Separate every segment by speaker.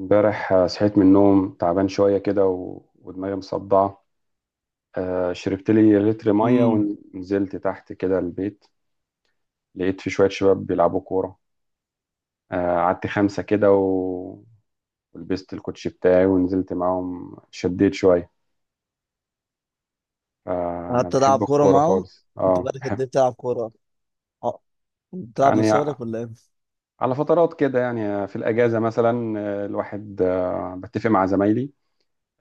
Speaker 1: امبارح صحيت من النوم تعبان شوية كده و... ودماغي مصدعة. شربت لي لتر مية
Speaker 2: امم
Speaker 1: ونزلت تحت كده البيت. لقيت في شوية شباب بيلعبوا كورة. قعدت خمسة كده و... ولبست الكوتشي بتاعي ونزلت معاهم شديت شوية. أنا
Speaker 2: قعدت
Speaker 1: بحب
Speaker 2: العب كوره
Speaker 1: الكورة
Speaker 2: معاهم.
Speaker 1: خالص،
Speaker 2: انت
Speaker 1: اه
Speaker 2: بقالك قد
Speaker 1: بحب.
Speaker 2: ايه بتلعب كوره؟ اه، بتلعب من
Speaker 1: يعني
Speaker 2: صغرك ولا ايه؟
Speaker 1: على فترات كده، يعني في الأجازة مثلا الواحد بتفق مع زمايلي.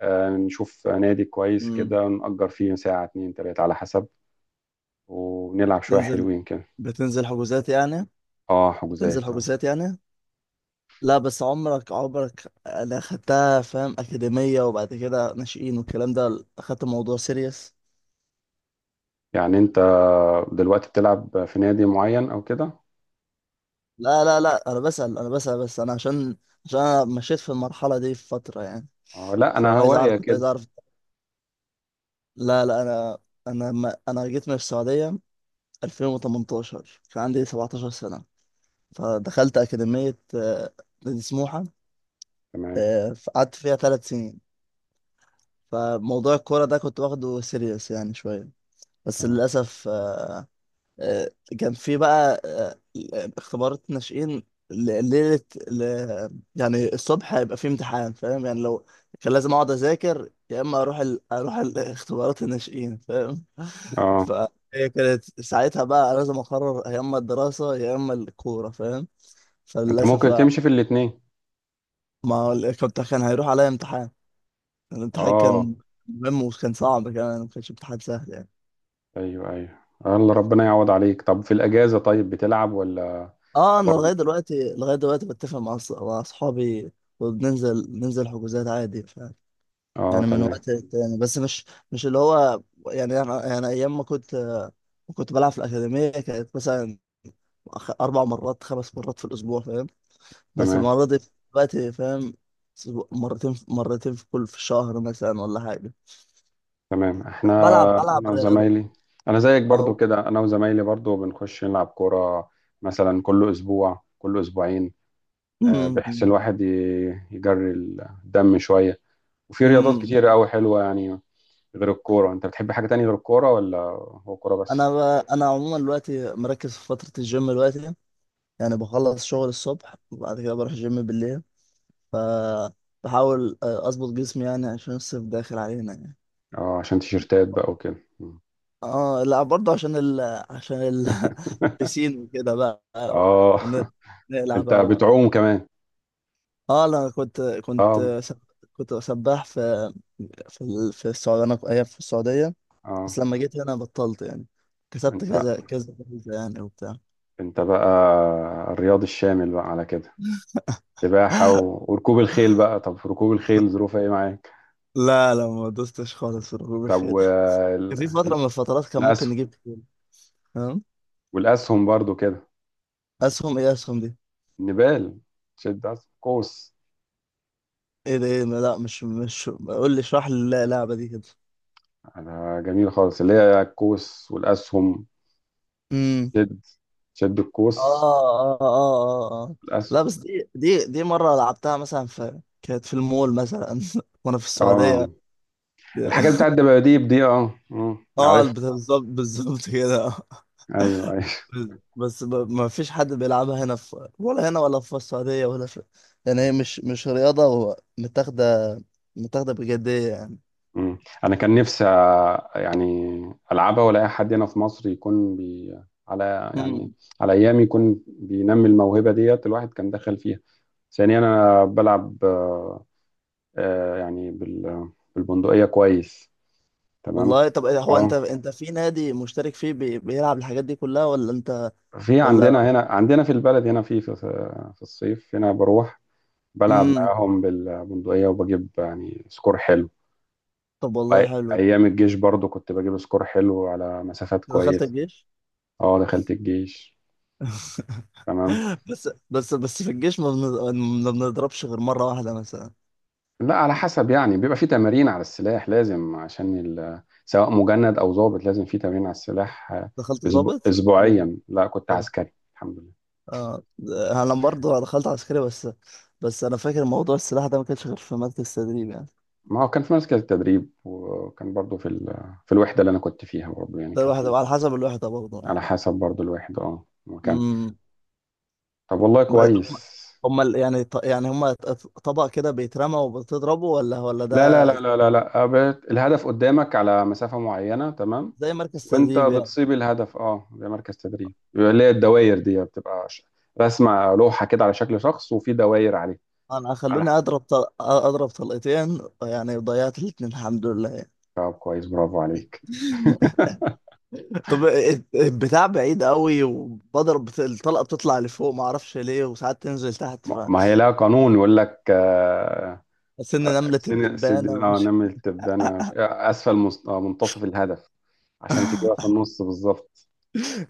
Speaker 1: نشوف نادي كويس
Speaker 2: امم.
Speaker 1: كده، نأجر فيه ساعة اتنين تلاتة على حسب. ونلعب شوية
Speaker 2: بتنزل،
Speaker 1: حلوين كده.
Speaker 2: بتنزل حجوزات يعني
Speaker 1: اه،
Speaker 2: بتنزل
Speaker 1: حجوزات، اه.
Speaker 2: حجوزات يعني؟ لا، بس عمرك انا خدتها فاهم، اكاديميه وبعد كده ناشئين والكلام ده، اخدت الموضوع سيريس.
Speaker 1: يعني انت دلوقتي بتلعب في نادي معين او كده؟
Speaker 2: لا لا لا، انا بسأل بس، انا عشان، عشان انا مشيت في المرحله دي في فتره يعني،
Speaker 1: اه، لا، انا
Speaker 2: فعايز
Speaker 1: هواية
Speaker 2: اعرف، كنت
Speaker 1: كده.
Speaker 2: عايز اعرف. لا لا انا، انا ما انا جيت من السعوديه 2018، كان عندي 17 سنه. فدخلت أكاديمية نادي سموحة.
Speaker 1: تمام،
Speaker 2: قعدت فيها ثلاث سنين. فموضوع الكورة ده كنت واخده سيريس يعني شوية، بس
Speaker 1: تمام.
Speaker 2: للأسف آه، كان في بقى اختبارات ناشئين. ل- ليلة ل- يعني الصبح هيبقى في امتحان فاهم، يعني لو كان لازم أقعد أذاكر يا إما أروح أروح الاختبارات الناشئين فاهم.
Speaker 1: اه،
Speaker 2: فهي كانت ساعتها بقى لازم أقرر يا إما الدراسة يا إما الكورة فاهم.
Speaker 1: انت
Speaker 2: فللأسف،
Speaker 1: ممكن تمشي في الاتنين.
Speaker 2: ما هو ال- كنت كان هيروح عليا امتحان. الامتحان
Speaker 1: اه،
Speaker 2: كان مهم وكان صعب كمان، ما كانش امتحان سهل يعني.
Speaker 1: ايوه، ايوه. الله، ربنا يعوض عليك. طب في الاجازة طيب بتلعب ولا؟
Speaker 2: اه انا
Speaker 1: برضه
Speaker 2: لغايه دلوقتي بتفق مع مع اصحابي، ننزل حجوزات عادي. ف
Speaker 1: اه
Speaker 2: يعني من
Speaker 1: تمام.
Speaker 2: وقت للتاني، بس مش، مش اللي هو يعني انا يعني ايام ما كنت بلعب في الاكاديميه، كانت مثلا اربع مرات خمس مرات في الاسبوع فاهم. بس
Speaker 1: تمام،
Speaker 2: المره دي دلوقتي فاهم، مرتين، مرتين في كل، في الشهر مثلا ولا حاجه.
Speaker 1: تمام. احنا
Speaker 2: بلعب
Speaker 1: انا
Speaker 2: رياضه.
Speaker 1: وزمايلي، انا زيك برضو
Speaker 2: اه.
Speaker 1: كده، انا وزمايلي برضو بنخش نلعب كورة مثلا كل اسبوع، كل اسبوعين. بحيث الواحد يجري الدم شوية. وفي رياضات
Speaker 2: امم.
Speaker 1: كتيرة أوي حلوة يعني. غير الكورة، أنت بتحب حاجة تانية غير الكورة، ولا هو كورة
Speaker 2: انا
Speaker 1: بس؟
Speaker 2: ب... انا عموما دلوقتي مركز في فتره الجيم دلوقتي. يعني بخلص شغل الصبح وبعد كده بروح الجيم بالليل. ف بحاول اظبط جسمي يعني عشان الصيف داخل علينا يعني.
Speaker 1: اه، عشان تيشيرتات بقى وكده. مم.
Speaker 2: اه لا برضه عشان ال... بسين وكده بقى،
Speaker 1: اه
Speaker 2: ونقلع
Speaker 1: أنت
Speaker 2: بقى و...
Speaker 1: بتعوم كمان؟
Speaker 2: اه انا كنت كنت
Speaker 1: اه،
Speaker 2: سب... كنت سباح في في السعوديه، انا أيام في السعوديه.
Speaker 1: اه.
Speaker 2: بس لما جيت هنا بطلت يعني، كسبت
Speaker 1: أنت
Speaker 2: كذا كذا كذا يعني وبتاع.
Speaker 1: أنت بقى الرياضي الشامل بقى على كده، سباحة و... وركوب الخيل بقى. طب ركوب الخيل ظروفها إيه معاك؟
Speaker 2: لا لا، ما دوستش خالص في ركوب
Speaker 1: طب
Speaker 2: الخيل، بس كان في فترة من الفترات كان ممكن
Speaker 1: الأسهم.
Speaker 2: نجيب خيل. تمام.
Speaker 1: والأسهم برضو كده.
Speaker 2: أسهم إيه، أسهم دي؟
Speaker 1: النبال، شد أسهم قوس.
Speaker 2: إيه ده إيه، لا، مش قول لي، اشرح لي اللعبة دي كده.
Speaker 1: انا جميل خالص اللي هي الكوس والاسهم.
Speaker 2: امم.
Speaker 1: شد، شد
Speaker 2: آه
Speaker 1: الكوس.
Speaker 2: آه آه آه آه.
Speaker 1: الاسهم.
Speaker 2: لا، بس دي مرة لعبتها مثلا، في كانت في المول مثلا، وأنا في
Speaker 1: اه،
Speaker 2: السعودية.
Speaker 1: الحاجات بتاعت الدباديب دي، اه،
Speaker 2: آه
Speaker 1: عارف.
Speaker 2: بالظبط بالظبط كده.
Speaker 1: ايوه، ايوه.
Speaker 2: بس، ما فيش حد بيلعبها، هنا في ولا هنا، ولا في السعودية ولا في، يعني هي مش رياضة متاخدة بجدية يعني.
Speaker 1: مم. انا كان نفسي يعني العبها، ولا اي حد هنا في مصر يكون بي، على يعني،
Speaker 2: مم.
Speaker 1: على ايامي يكون بينمي الموهبه ديت الواحد كان دخل فيها. ثانيا انا بلعب يعني بالبندقيه كويس. تمام.
Speaker 2: والله طب إيه هو، انت
Speaker 1: اه،
Speaker 2: انت في نادي مشترك فيه بيلعب الحاجات دي كلها ولا انت؟
Speaker 1: في
Speaker 2: ولا.
Speaker 1: عندنا هنا، عندنا في البلد هنا في، في الصيف هنا بروح بلعب
Speaker 2: امم.
Speaker 1: معاهم بالبندقية وبجيب يعني سكور حلو.
Speaker 2: طب والله حلو. أنت
Speaker 1: وأيام الجيش برضو كنت بجيب سكور حلو على مسافات
Speaker 2: دخلت
Speaker 1: كويسة.
Speaker 2: الجيش؟
Speaker 1: اه، دخلت الجيش، تمام.
Speaker 2: بس في الجيش ما بنضربش غير مرة واحدة مثلا.
Speaker 1: لا، على حسب يعني بيبقى في تمارين على السلاح لازم عشان سواء مجند أو ضابط لازم في تمارين على السلاح
Speaker 2: دخلت ضابط ولا؟
Speaker 1: أسبوعيا. لا، كنت عسكري، الحمد لله.
Speaker 2: اه، انا برضه دخلت عسكري. بس، بس انا فاكر موضوع السلاح ده ما كانش غير في مركز تدريب يعني.
Speaker 1: ما هو كان في مركز التدريب، وكان برضو في الوحدة اللي أنا كنت فيها برضو يعني
Speaker 2: ده
Speaker 1: كان
Speaker 2: الواحد
Speaker 1: في.
Speaker 2: على حسب الوحده برضه يعني.
Speaker 1: على حسب برضو الواحد، اه، مكان.
Speaker 2: امم.
Speaker 1: طب والله
Speaker 2: ما-
Speaker 1: كويس.
Speaker 2: هم يعني يعني هم طبق كده بيترمى وبتضربه ولا، ولا
Speaker 1: لا، لا،
Speaker 2: ده
Speaker 1: لا، لا، لا، لا، أبد. الهدف قدامك على مسافة معينة، تمام.
Speaker 2: زي مركز
Speaker 1: وانت
Speaker 2: تدريب يعني؟
Speaker 1: بتصيب الهدف، اه، ده مركز تدريب، بيبقى اللي هي الدوائر دي بتبقى رسمة لوحة كده على شكل شخص وفي دوائر عليه.
Speaker 2: انا
Speaker 1: على
Speaker 2: خلوني
Speaker 1: حسب.
Speaker 2: اضرب اضرب طلقتين يعني، ضيعت الاتنين الحمد لله يعني.
Speaker 1: طب كويس، برافو عليك.
Speaker 2: طب إيه، البتاع بعيد قوي، وبضرب الطلقه بتطلع لفوق ما اعرفش ليه، وساعات تنزل تحت،
Speaker 1: ما
Speaker 2: فحسيت
Speaker 1: ما هي لها قانون يقول لك
Speaker 2: ان نمله
Speaker 1: سن سد،
Speaker 2: الدبانه
Speaker 1: اه
Speaker 2: ومش...
Speaker 1: نمل تبدأ، انا اسفل منتصف الهدف، عشان تجيبها في النص بالظبط.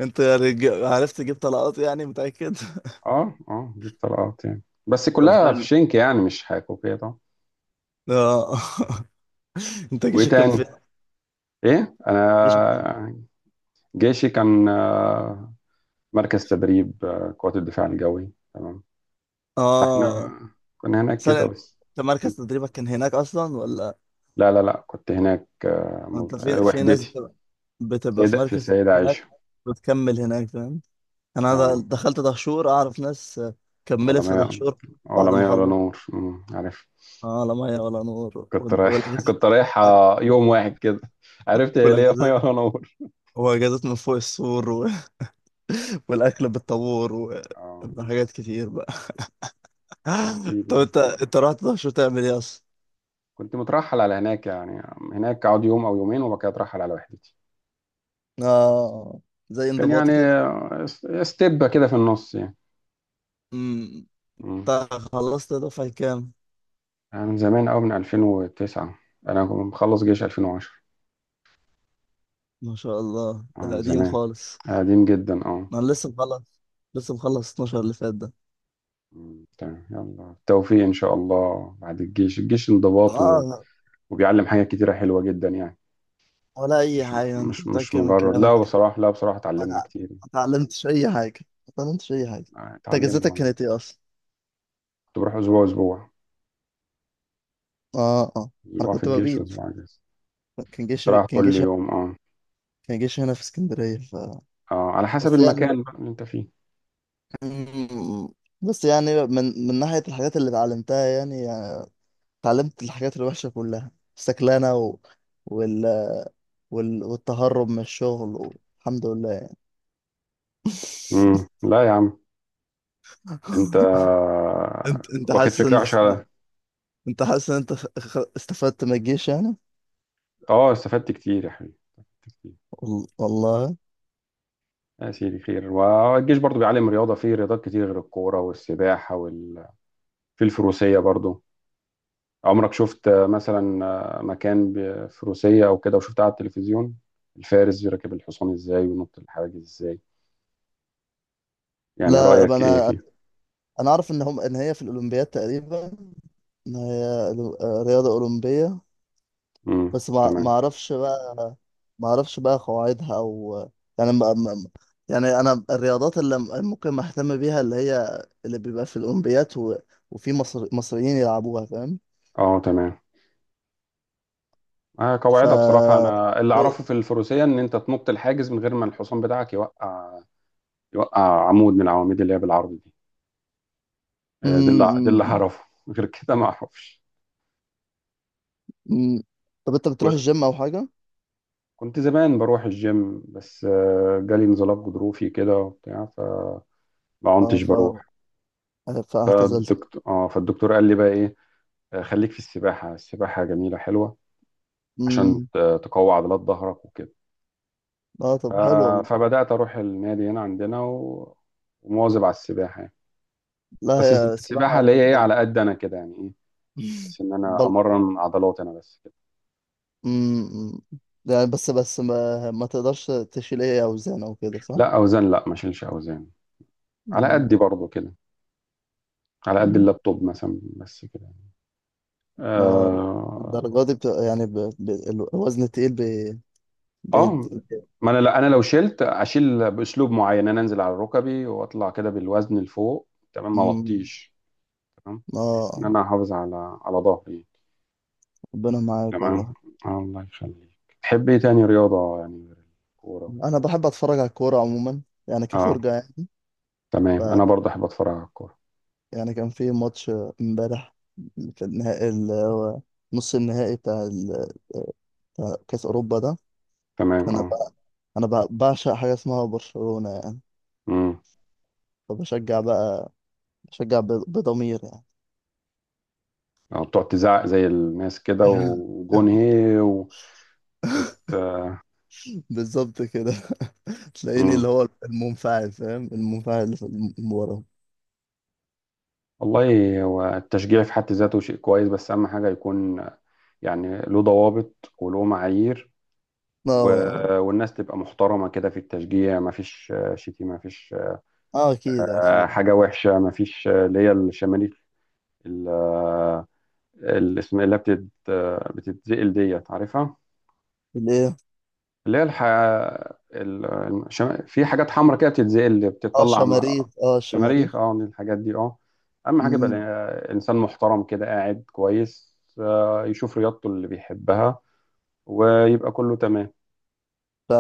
Speaker 2: انت يعني، عرفت تجيب طلقات يعني، متأكد؟
Speaker 1: اه، اه، جيب طلقات يعني، بس
Speaker 2: طب
Speaker 1: كلها في
Speaker 2: حلو.
Speaker 1: شنك يعني، مش حكوكية طبعا.
Speaker 2: اه. انت
Speaker 1: وايه
Speaker 2: جيشك كان
Speaker 1: تاني؟
Speaker 2: في،
Speaker 1: ايه؟
Speaker 2: جيشك كان،
Speaker 1: انا جيشي كان مركز تدريب قوات الدفاع الجوي، تمام. فاحنا
Speaker 2: اه
Speaker 1: كنا هناك
Speaker 2: ثانية
Speaker 1: كده
Speaker 2: انت،
Speaker 1: بس.
Speaker 2: أنت مركز تدريبك كان هناك اصلا ولا
Speaker 1: لا، لا، لا، كنت هناك
Speaker 2: انت في، في ناس
Speaker 1: وحدتي.
Speaker 2: بتبقى، بتبقى في
Speaker 1: سيدة، في
Speaker 2: مركز
Speaker 1: السيدة
Speaker 2: تدريب هناك
Speaker 1: عائشة.
Speaker 2: بتكمل هناك فاهم؟ انا
Speaker 1: اه،
Speaker 2: دخلت دهشور، اعرف ناس،
Speaker 1: ولا
Speaker 2: كملت في
Speaker 1: ما
Speaker 2: دهشور.
Speaker 1: ولا
Speaker 2: بعد ما
Speaker 1: ما ولا
Speaker 2: خلصت،
Speaker 1: نور، عارف.
Speaker 2: اه لا ميه ولا نور
Speaker 1: كنت رايح
Speaker 2: والاجازات،
Speaker 1: كنت رايح يوم واحد كده، عرفت هي ليه مية
Speaker 2: والاجازات،
Speaker 1: ولا نور.
Speaker 2: واجازات من فوق السور و... والاكل بالطابور،
Speaker 1: اه،
Speaker 2: وحاجات كتير بقى.
Speaker 1: يا
Speaker 2: طب
Speaker 1: سيدي،
Speaker 2: انت، انت رحت دهشور تعمل ايه اصلا؟
Speaker 1: كنت مترحل على هناك يعني، هناك اقعد يوم او يومين وبعد كده اترحل على وحدتي.
Speaker 2: اه، زي
Speaker 1: كان يعني
Speaker 2: انضباطي كده.
Speaker 1: ستيب كده في النص يعني.
Speaker 2: امم.
Speaker 1: مم.
Speaker 2: انت خلصت دفعة كام؟
Speaker 1: أنا من زمان قوي، من 2009. انا كنت مخلص جيش 2010.
Speaker 2: ما شاء الله، ده
Speaker 1: من
Speaker 2: قديم
Speaker 1: زمان،
Speaker 2: خالص.
Speaker 1: قديم جدا، اه.
Speaker 2: ما انا لسه مخلص، لسه مخلص 12 اللي فات ده.
Speaker 1: مم. تمام، يلا التوفيق ان شاء الله بعد الجيش. الجيش انضباط و...
Speaker 2: اه.
Speaker 1: وبيعلم حاجات كتيرة حلوة جدا يعني.
Speaker 2: ولا اي
Speaker 1: مش
Speaker 2: حاجه، انت
Speaker 1: مش مش
Speaker 2: متاكد من
Speaker 1: مجرد،
Speaker 2: كلامك؟
Speaker 1: لا بصراحة، لا بصراحة اتعلمنا
Speaker 2: ما
Speaker 1: كتير.
Speaker 2: اتعلمتش اي حاجه، ما اتعلمتش اي حاجه. انت
Speaker 1: اتعلمنا
Speaker 2: اجازتك
Speaker 1: والله.
Speaker 2: كانت ايه اصلا؟
Speaker 1: كنت بروح اسبوع اسبوع،
Speaker 2: اه اه. انا
Speaker 1: اسبوع في
Speaker 2: كنت
Speaker 1: الجيش
Speaker 2: ببيت،
Speaker 1: واسبوع اجازة.
Speaker 2: كان جيش
Speaker 1: كنت رايح
Speaker 2: كان
Speaker 1: كل
Speaker 2: جيش
Speaker 1: يوم. اه،
Speaker 2: كان جيش هنا في اسكندريه. ف
Speaker 1: اه، على حسب
Speaker 2: بس يعني،
Speaker 1: المكان بقى اللي انت فيه.
Speaker 2: مم، بس يعني من ناحية الحاجات اللي اتعلمتها يعني، يعني اتعلمت الحاجات الوحشة كلها، السكلانة و... وال... والتهرب من الشغل و... الحمد لله يعني.
Speaker 1: امم، لا يا عم، انت
Speaker 2: انت انت
Speaker 1: واخد
Speaker 2: حاسس
Speaker 1: فكرة
Speaker 2: ان
Speaker 1: وحشة على.
Speaker 2: انت حاسس ان انت استفدت من الجيش يعني؟
Speaker 1: اه، استفدت كتير يا حبيبي، استفدت كتير.
Speaker 2: والله
Speaker 1: يا سيدي خير، والجيش برضو بيعلم رياضة، فيه رياضات كتير غير الكورة والسباحة وال... في الفروسية برضو. عمرك شفت مثلا مكان بفروسية او كده، وشفتها على التلفزيون؟ الفارس بيركب الحصان ازاي وينط الحواجز ازاي، يعني
Speaker 2: لا،
Speaker 1: رأيك ايه
Speaker 2: انا،
Speaker 1: فيه؟
Speaker 2: انا اعرف ان هم، ان هي في الاولمبياد تقريبا، ان هي رياضة اولمبية،
Speaker 1: امم،
Speaker 2: بس ما
Speaker 1: تمام.
Speaker 2: اعرفش بقى، ما اعرفش بقى قواعدها او، يعني يعني انا الرياضات اللي ممكن ما اهتم بيها اللي هي، اللي بيبقى في الاولمبيات و... وفي مصريين يلعبوها فاهم.
Speaker 1: اه، تمام.
Speaker 2: ف
Speaker 1: قواعدها بصراحة، أنا اللي
Speaker 2: إيه،
Speaker 1: أعرفه في الفروسية إن أنت تنط الحاجز من غير ما الحصان بتاعك يوقع عمود من العواميد اللي هي بالعرض دي. ده اللي ده
Speaker 2: م-
Speaker 1: اللي أعرفه. غير كده ما أعرفش.
Speaker 2: م- م- طب انت بتروح الجيم او حاجه؟
Speaker 1: وكنت زمان بروح الجيم، بس جالي انزلاق غضروفي كده وبتاع، فما
Speaker 2: اه.
Speaker 1: كنتش
Speaker 2: ف
Speaker 1: بروح.
Speaker 2: فاعتزلت.
Speaker 1: فالدكتور قال لي بقى إيه، خليك في السباحة، السباحة جميلة حلوة عشان
Speaker 2: امم.
Speaker 1: تقوي عضلات ظهرك وكده.
Speaker 2: اه
Speaker 1: ف-
Speaker 2: طب حلو والله.
Speaker 1: فبدأت أروح النادي هنا عندنا و- ومواظب على السباحة يعني.
Speaker 2: لا
Speaker 1: بس
Speaker 2: هي
Speaker 1: السباحة
Speaker 2: السباحه
Speaker 1: اللي هي
Speaker 2: رياضه
Speaker 1: ايه،
Speaker 2: حلوه.
Speaker 1: على قد انا كده يعني ايه، بس ان انا
Speaker 2: بل.
Speaker 1: امرن عضلات انا بس كده.
Speaker 2: امم. يعني بس، بس ما تقدرش تشيل ايه اوزان او كده صح؟
Speaker 1: لا، اوزان لا، ما اشيلش اوزان. على قدي برضو كده، على قد
Speaker 2: مم.
Speaker 1: اللابتوب مثلا بس كده.
Speaker 2: اه
Speaker 1: اه،
Speaker 2: بالدرجة دي بتبقى يعني، ب... ب... الوزن التقيل بي... بيد...
Speaker 1: آه، ما انا، لا انا لو شلت اشيل باسلوب معين، انا انزل على ركبي واطلع كده بالوزن لفوق، تمام، ما
Speaker 2: مم.
Speaker 1: اوطيش، تمام، ان
Speaker 2: اه.
Speaker 1: انا احافظ على ظهري.
Speaker 2: ربنا معاك
Speaker 1: تمام،
Speaker 2: والله.
Speaker 1: الله يخليك. تحب ايه تاني رياضة يعني غير الكورة؟
Speaker 2: انا بحب اتفرج على الكورة عموما، يعني
Speaker 1: اه،
Speaker 2: كفرجة يعني. ف...
Speaker 1: تمام. انا برضه احب اتفرج على الكورة،
Speaker 2: يعني كان في ماتش امبارح، في النهائي نص النهائي بتاع كأس اوروبا ده.
Speaker 1: تمام،
Speaker 2: كان
Speaker 1: اه.
Speaker 2: بقى، انا بقى بعشق حاجة اسمها برشلونة يعني.
Speaker 1: مم.
Speaker 2: فبشجع بقى، بشجع ب... بضمير
Speaker 1: أو تقعد تزعق زي الناس كده
Speaker 2: يعني.
Speaker 1: وجون هي و... وت...
Speaker 2: بالظبط كده. تلاقيني اللي
Speaker 1: مم.
Speaker 2: هو المنفعل فاهم، المنفعل اللي في ورا.
Speaker 1: والله هو التشجيع في حد ذاته شيء كويس، بس أهم حاجة يكون يعني له ضوابط وله معايير
Speaker 2: اه
Speaker 1: و...
Speaker 2: اه.
Speaker 1: والناس تبقى محترمة كده في التشجيع، ما فيش شتيمة، ما فيش
Speaker 2: اكيد اكيد.
Speaker 1: حاجة وحشة، ما فيش اللي هي الشماليك، ال- الاسم اللي بتتزقل ديت عارفها،
Speaker 2: الايه؟
Speaker 1: اللي هي ال... في حاجات حمراء كده بتتزقل
Speaker 2: اه
Speaker 1: بتطلع
Speaker 2: الشماريخ، اه
Speaker 1: شماريخ،
Speaker 2: الشماريخ.
Speaker 1: اه من الحاجات دي، اه. اهم حاجه يبقى انسان محترم كده قاعد كويس، يشوف رياضته اللي بيحبها، ويبقى كله تمام.